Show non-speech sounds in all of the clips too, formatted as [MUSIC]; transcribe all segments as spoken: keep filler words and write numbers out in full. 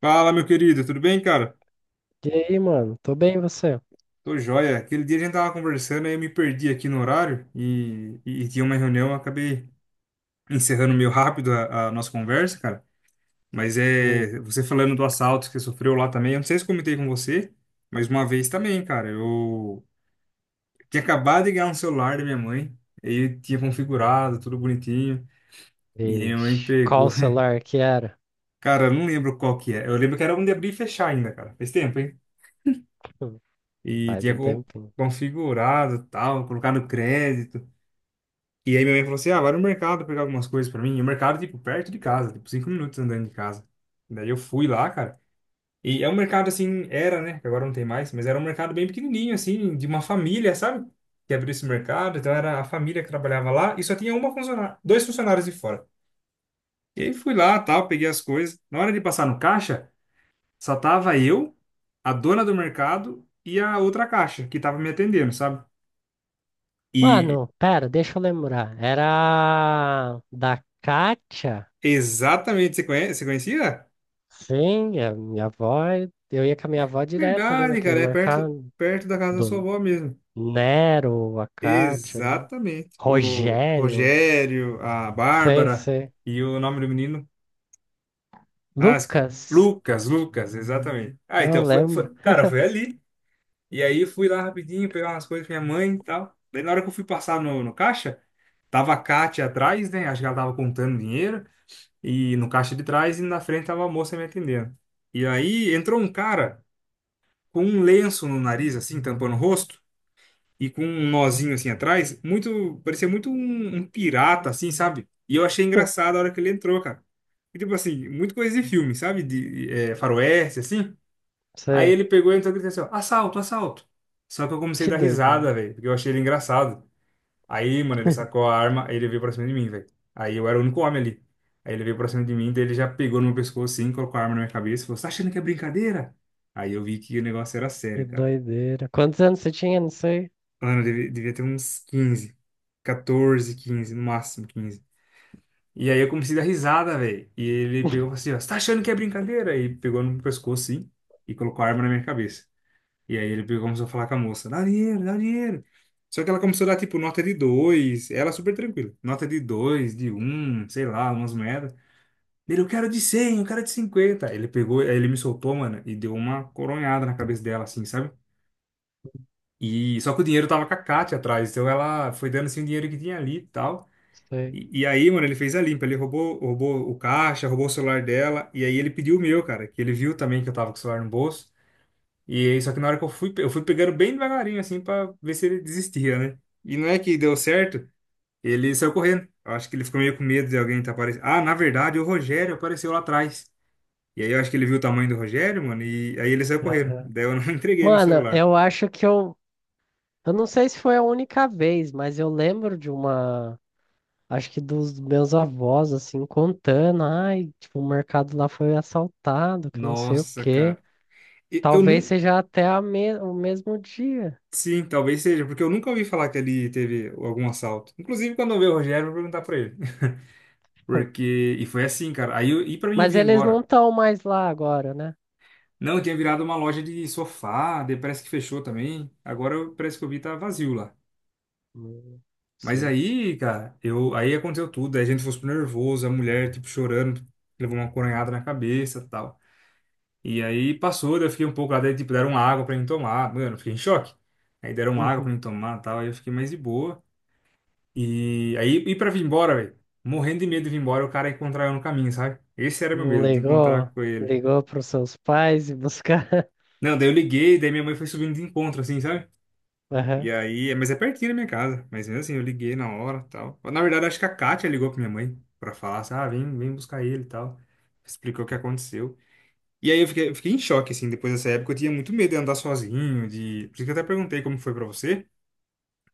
Fala, meu querido, tudo bem, cara? E aí, mano? Tô bem, e você? Tô joia. Aquele dia a gente tava conversando e eu me perdi aqui no horário e, e, e tinha uma reunião, eu acabei encerrando meio rápido a, a nossa conversa, cara. Mas Hum, é, você falando do assalto que você sofreu lá também, eu não sei se eu comentei com você, mas uma vez também, cara, eu tinha acabado de ganhar um celular da minha mãe, aí tinha configurado, tudo bonitinho, e aí minha mãe vixe. Qual pegou. o [LAUGHS] celular que era? Cara, eu não lembro qual que é. Eu lembro que era um de abrir e fechar ainda, cara. Faz tempo, hein? Hum, E Faz tinha um con- tempinho. configurado, tal, colocado crédito. E aí minha mãe falou assim: ah, vai no mercado pegar algumas coisas pra mim. E o mercado, tipo, perto de casa, tipo, cinco minutos andando de casa. Daí eu fui lá, cara. E é um mercado assim, era, né? que agora não tem mais, mas era um mercado bem pequenininho, assim, de uma família, sabe? Que abriu esse mercado. Então era a família que trabalhava lá e só tinha uma funcionária, dois funcionários de fora. E aí fui lá, tal, peguei as coisas. Na hora de passar no caixa, só tava eu, a dona do mercado e a outra caixa que tava me atendendo, sabe? E Mano, pera, deixa eu lembrar. Era da Kátia? exatamente, você conhece, você conhecia? Sim, a minha avó. Eu ia com a minha avó direto ali Verdade, naquele cara, é perto, mercado. perto da casa da sua Do avó mesmo. Nero, a Kátia ali. Exatamente. O Rogério. Rogério, a Sei, Bárbara sei. e o nome do menino, ah, esque- Lucas. Lucas, Lucas, exatamente. Ah, Eu então, foi, lembro. foi- cara, foi ali. E aí eu fui lá rapidinho pegar umas coisas com minha mãe e tal. Daí na hora que eu fui passar no, no caixa, tava a Kátia atrás, né? Acho que ela tava contando dinheiro. E no caixa de trás e na frente tava a moça me atendendo. E aí entrou um cara, com um lenço no nariz, assim, tampando o rosto, e com um nozinho assim atrás, muito, parecia muito um, um pirata, assim, sabe? E eu achei [LAUGHS] engraçado a hora que ele entrou, cara. E, tipo assim, muito coisa de filme, sabe? De é, faroeste, assim. Aí Sei. ele pegou e entrou e disse assim, ó, assalto, assalto. Só que eu comecei a Que dar doideira. risada, velho, porque eu achei ele engraçado. Aí, mano, ele sacou [LAUGHS] a arma, aí ele veio pra cima de mim, velho. Aí eu era o único homem ali. Aí ele veio pra cima de mim, daí ele já pegou no meu pescoço assim, colocou a arma na minha cabeça e falou, você tá achando que é brincadeira? Aí eu vi que o negócio era Que sério, cara. doideira. Quantos anos você tinha? Não sei. Mano, eu devia, devia ter uns quinze, quatorze, quinze, no máximo quinze. E aí eu comecei a dar risada, velho. E ele pegou e falou assim, ó, você tá achando que é brincadeira? E pegou no meu pescoço, sim, e colocou a arma na minha cabeça. E aí ele pegou e começou a falar com a moça, dá dinheiro, dá dinheiro. Só que ela começou a dar, tipo, nota de dois, ela super tranquila. Nota de dois, de um, sei lá, umas moedas. Ele, eu quero de cem, eu quero de cinquenta. Ele pegou, aí ele me soltou, mano, e deu uma coronhada na cabeça dela, assim, sabe? E só que o dinheiro tava com a Kátia atrás, então ela foi dando assim o dinheiro que tinha ali e tal. Sei. E, e aí, mano, ele fez a limpa, ele roubou, roubou o caixa, roubou o celular dela, e aí ele pediu o meu, cara, que ele viu também que eu tava com o celular no bolso. E aí, só que na hora que eu fui, eu fui pegando bem devagarinho, assim, pra ver se ele desistia, né? E não é que deu certo, ele saiu correndo. Eu acho que ele ficou meio com medo de alguém tá aparecendo. Ah, na verdade, o Rogério apareceu lá atrás. E aí eu acho que ele viu o tamanho do Rogério, mano, e aí ele saiu correndo. Aham. Daí eu não [LAUGHS] entreguei meu Mano, celular. eu acho que eu. Eu não sei se foi a única vez, mas eu lembro de uma. Acho que dos meus avós, assim, contando. Ai, tipo, o mercado lá foi assaltado, que não sei o Nossa, quê. cara. E- Eu Talvez não, seja até a me... o mesmo dia. Sim, talvez seja, porque eu nunca ouvi falar que ali teve algum assalto. Inclusive, quando eu ver o Rogério, eu vou perguntar pra ele. [LAUGHS] [LAUGHS] Porque. E foi assim, cara. Aí eu, e pra mim Mas vir eles não embora. estão mais lá agora, né? Não, tinha virado uma loja de sofá, daí parece que fechou também. Agora eu- parece que eu vi tá vazio lá. Não Mas sei. aí, cara, eu, aí aconteceu tudo. Aí a gente foi super nervoso, a mulher, tipo, chorando, levou uma coronhada na cabeça e tal. E aí passou, daí eu fiquei um pouco lá, daí, tipo, deram água pra mim tomar. Mano, eu fiquei em choque. Aí deram água pra Uhum. mim tomar e tal. Aí eu fiquei mais de boa. E aí, ir pra vir embora, velho. Morrendo de medo de vir embora, o cara encontrar eu no caminho, sabe? Esse era meu Não medo, de encontrar ligou? com ele. Ligou para os seus pais e buscar? Não, daí eu liguei, daí minha mãe foi subindo de encontro, assim, sabe? [LAUGHS] Aham, E aí, é- mas é pertinho da minha casa. Mas mesmo assim, eu liguei na hora tal. Na verdade, acho que a Kátia ligou pra minha mãe pra falar, assim, ah, vem, vem buscar ele e tal. Explicou o que aconteceu. E aí eu fiquei, eu fiquei em choque, assim, depois dessa época eu tinha muito medo de andar sozinho, de... Por isso que eu até perguntei como foi pra você.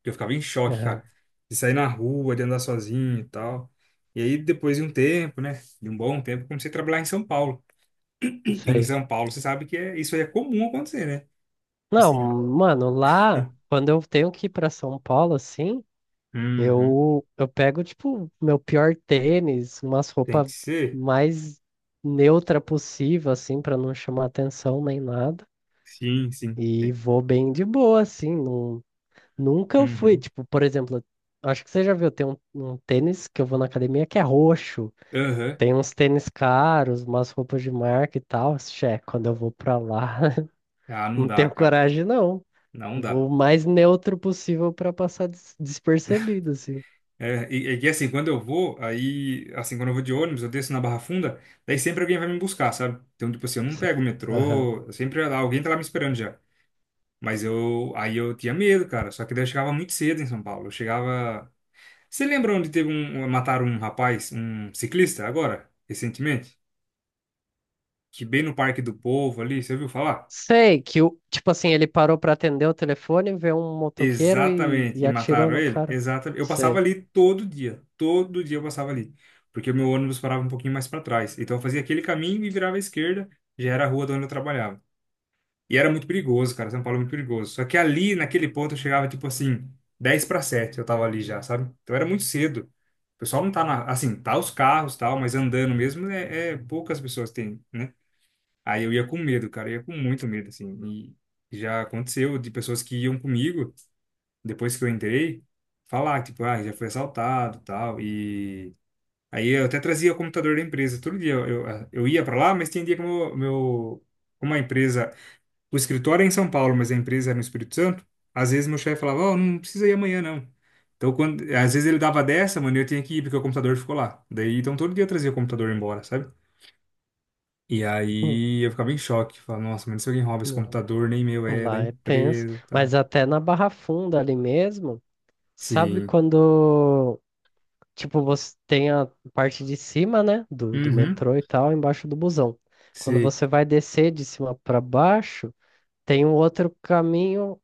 Eu ficava em choque, aham. cara. De sair na rua, de andar sozinho e tal. E aí, depois de um tempo, né? De um bom tempo, comecei a trabalhar em São Paulo. E em Sei. São Paulo, você sabe que é, isso aí é comum acontecer, né? Tipo Não, assim, ó. mano, lá, quando eu tenho que ir pra São Paulo, assim, Uhum. eu, eu pego, tipo, meu pior tênis, umas Tem roupas que ser? mais neutra possível, assim, pra não chamar atenção nem nada. Sim, sim. E Tem. vou bem de boa, assim. Não, nunca eu fui, Uhum. tipo, por exemplo, acho que você já viu, tem um, um tênis que eu vou na academia que é roxo. Aham. Tem uns tênis caros, umas roupas de marca e tal. Xé, quando eu vou pra lá, [LAUGHS] Ah, não não dá, tenho cara. coragem, não. Não dá. Vou o mais neutro possível pra passar des- despercebido, assim. É, e, e que assim, quando eu vou, aí, assim, quando eu vou de ônibus, eu desço na Barra Funda, daí sempre alguém vai me buscar, sabe? Então, tipo assim, eu não Se- pego o aham. metrô, sempre alguém tá lá me esperando já. Mas eu, aí eu tinha medo, cara. Só que daí eu chegava muito cedo em São Paulo. Eu chegava. Você lembra onde teve um, um, mataram um rapaz, um ciclista, agora, recentemente? Que bem no Parque do Povo ali, você ouviu falar? Sei que o, tipo assim, ele parou pra atender o telefone, vê um motoqueiro e, Exatamente. e E atirou mataram no ele? cara. Exatamente. Eu passava Sei. ali todo dia. Todo dia eu passava ali. Porque o meu ônibus parava um pouquinho mais para trás. Então eu fazia aquele caminho e virava à esquerda. Já era a rua de onde eu trabalhava. E era muito perigoso, cara. São Paulo é muito perigoso. Só que ali, naquele ponto, eu chegava, tipo assim, dez para sete eu tava ali já, sabe? Então era muito cedo. O pessoal não tá na... Assim, tá os carros e tal, mas andando mesmo, é, é poucas pessoas têm, né? Aí eu ia com medo, cara. Eu ia com muito medo, assim. E já aconteceu de pessoas que iam comigo, depois que eu entrei, falar, tipo, ah, já foi assaltado e tal. E... Aí eu até trazia o computador da empresa. Todo dia eu, eu, eu ia para lá, mas tinha dia que o meu, meu, como a empresa o escritório é em São Paulo, mas a empresa era no Espírito Santo. Às vezes meu chefe falava, ó, não precisa ir amanhã, não. Então, quando, às vezes ele dava dessa, mano, e eu tinha que ir porque o computador ficou lá. Daí, então, todo dia eu trazia o computador embora, sabe? E Hum, aí eu ficava em choque. Falava, nossa, mas se alguém rouba esse não. computador, nem meu é, da Lá é tenso. empresa e Mas tal. até na Barra Funda ali mesmo, sabe Sim. quando, tipo, você tem a parte de cima, né, do, do Uhum. metrô e tal, embaixo do busão. Quando Sei. você vai descer de cima pra baixo, tem um outro caminho.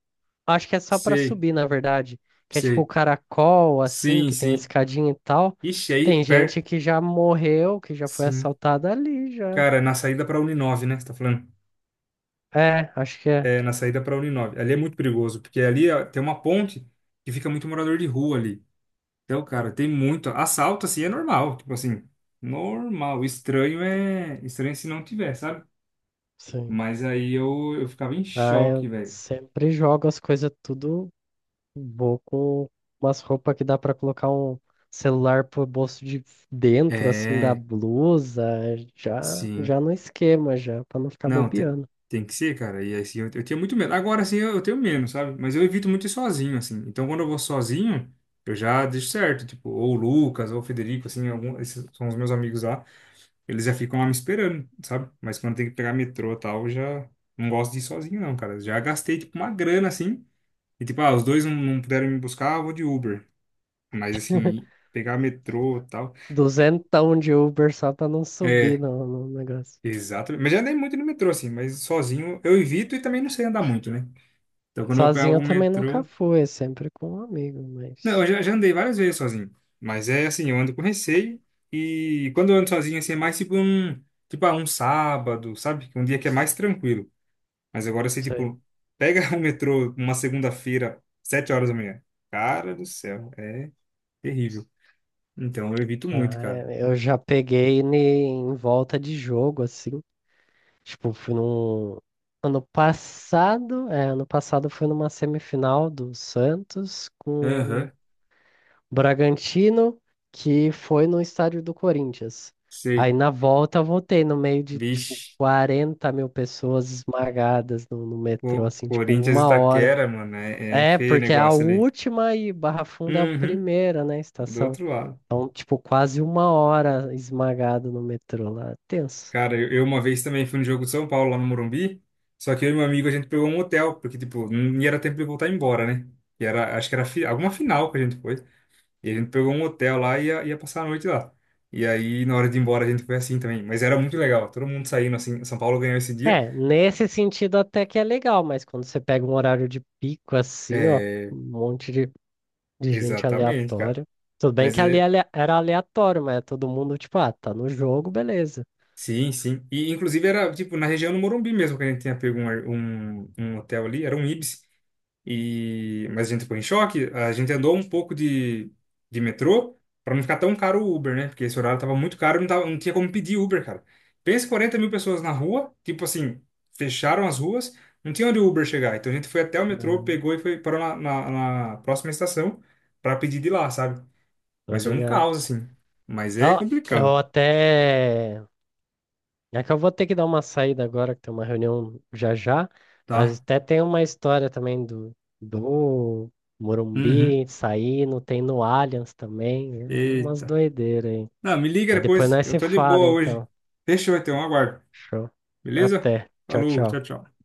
Acho que é só pra Sei. subir, na verdade. Que é tipo o Sei. caracol, assim, Sim, que tem sim. escadinha e tal. Ixi, aí, Tem gente per... que já morreu, que já foi Sim. assaltada ali já. Cara, na saída pra Uninove, né? Você tá falando? É, acho que é. É, na saída para a Uninove. Ali é muito perigoso, porque ali ó, tem uma ponte que fica muito morador de rua ali. Então, cara, tem muito. Assalto, assim, é normal. Tipo assim, normal. Estranho é. Estranho se não tiver, sabe? Sim. Mas aí eu, eu ficava em Ah, choque, eu velho. sempre jogo as coisas tudo. Vou com umas roupas que dá pra colocar um celular pro bolso de dentro, assim, da É, blusa. Já, sim. já no esquema, já, pra não ficar Não, tem, bobeando. tem que ser, cara. E assim, eu, eu tinha muito medo. Agora, assim, eu, eu tenho menos, sabe? Mas eu evito muito ir sozinho, assim. Então, quando eu vou sozinho, eu já deixo certo. Tipo, ou o Lucas, ou o Federico, assim, algum, esses são os meus amigos lá. Eles já ficam lá me esperando, sabe? Mas quando tem que pegar metrô e tal, eu já não gosto de ir sozinho, não, cara. Já gastei, tipo, uma grana, assim. E, tipo, ah, os dois não, não puderam me buscar, eu vou de Uber. Mas, assim, pegar metrô e tal. Duzentão de Uber só pra não subir É, no, no negócio. exato. Mas já andei muito no metrô, assim, mas sozinho eu evito e também não sei andar muito, né? Então, quando eu pego Sozinho eu o também nunca metrô. fui, é sempre com um amigo, Não, mas. eu já, já andei várias vezes sozinho. Mas é assim, eu ando com receio. E quando eu ando sozinho, assim, é mais tipo um. Tipo, ah, um sábado, sabe? Um dia que é mais tranquilo. Mas agora você, Sei. tipo, pega [LAUGHS] o metrô uma segunda-feira, sete horas da manhã. Cara do céu, é terrível. Então eu evito muito, Ah, cara. é, eu já peguei ne- em volta de jogo, assim. Tipo, fui num. Ano passado, é, ano passado foi numa semifinal do Santos com Aham, o Bragantino, que foi no estádio do Corinthians. sei. Aí na volta eu voltei no meio de, tipo, Vixe, 40 mil pessoas esmagadas no, no metrô, Co- assim, tipo, Corinthians e uma hora. Itaquera, mano, é, é É, feio o porque é a negócio ali. última e Barra Funda é a Uhum, primeira, né, do estação. outro lado. Então, tipo, quase uma hora esmagado no metrô lá. Tenso. Cara, eu, eu uma vez também fui no jogo de São Paulo, lá no Morumbi. Só que eu e meu amigo, a gente pegou um hotel, porque, tipo, não ia era tempo de voltar embora, né? E era, acho que era fi- alguma final que a gente foi. E a gente pegou um hotel lá e ia, ia passar a noite lá. E aí, na hora de ir embora, a gente foi assim também. Mas era muito legal, todo mundo saindo assim. São Paulo ganhou esse dia. É, nesse sentido até que é legal, mas quando você pega um horário de pico assim, ó, É, um monte de, de gente exatamente, cara. aleatória. Tudo bem Mas que ali é é. ale- era aleatório, mas é todo mundo, tipo, ah, tá no jogo, beleza. Sim, sim. E inclusive era tipo na região do Morumbi mesmo que a gente tinha pego um, ar- um, um hotel ali, era um Ibis. E mas a gente ficou em choque, a gente andou um pouco de, de, metrô para não ficar tão caro o Uber, né? Porque esse horário tava muito caro, não tava, não tinha como pedir Uber, cara. Pensa quarenta mil pessoas na rua, tipo assim, fecharam as ruas, não tinha onde o Uber chegar. Então a gente foi até o metrô, Não, pegou e foi parou na, na, na, próxima estação para pedir de lá, sabe? tô Mas foi um ligado. caos assim. Mas é Ó, eu complicado, até é que eu vou ter que dar uma saída agora, que tem uma reunião já já, mas tá? até tem uma história também do, do Uhum. Morumbi saindo, tem no Allianz também, é umas Eita. doideiras aí. Não, me liga Mas depois depois. nós Eu se tô de fala, boa hoje. então. Deixa eu ter um aguardo. Show. Beleza? Até. Tchau, Falou, tchau. tchau, tchau.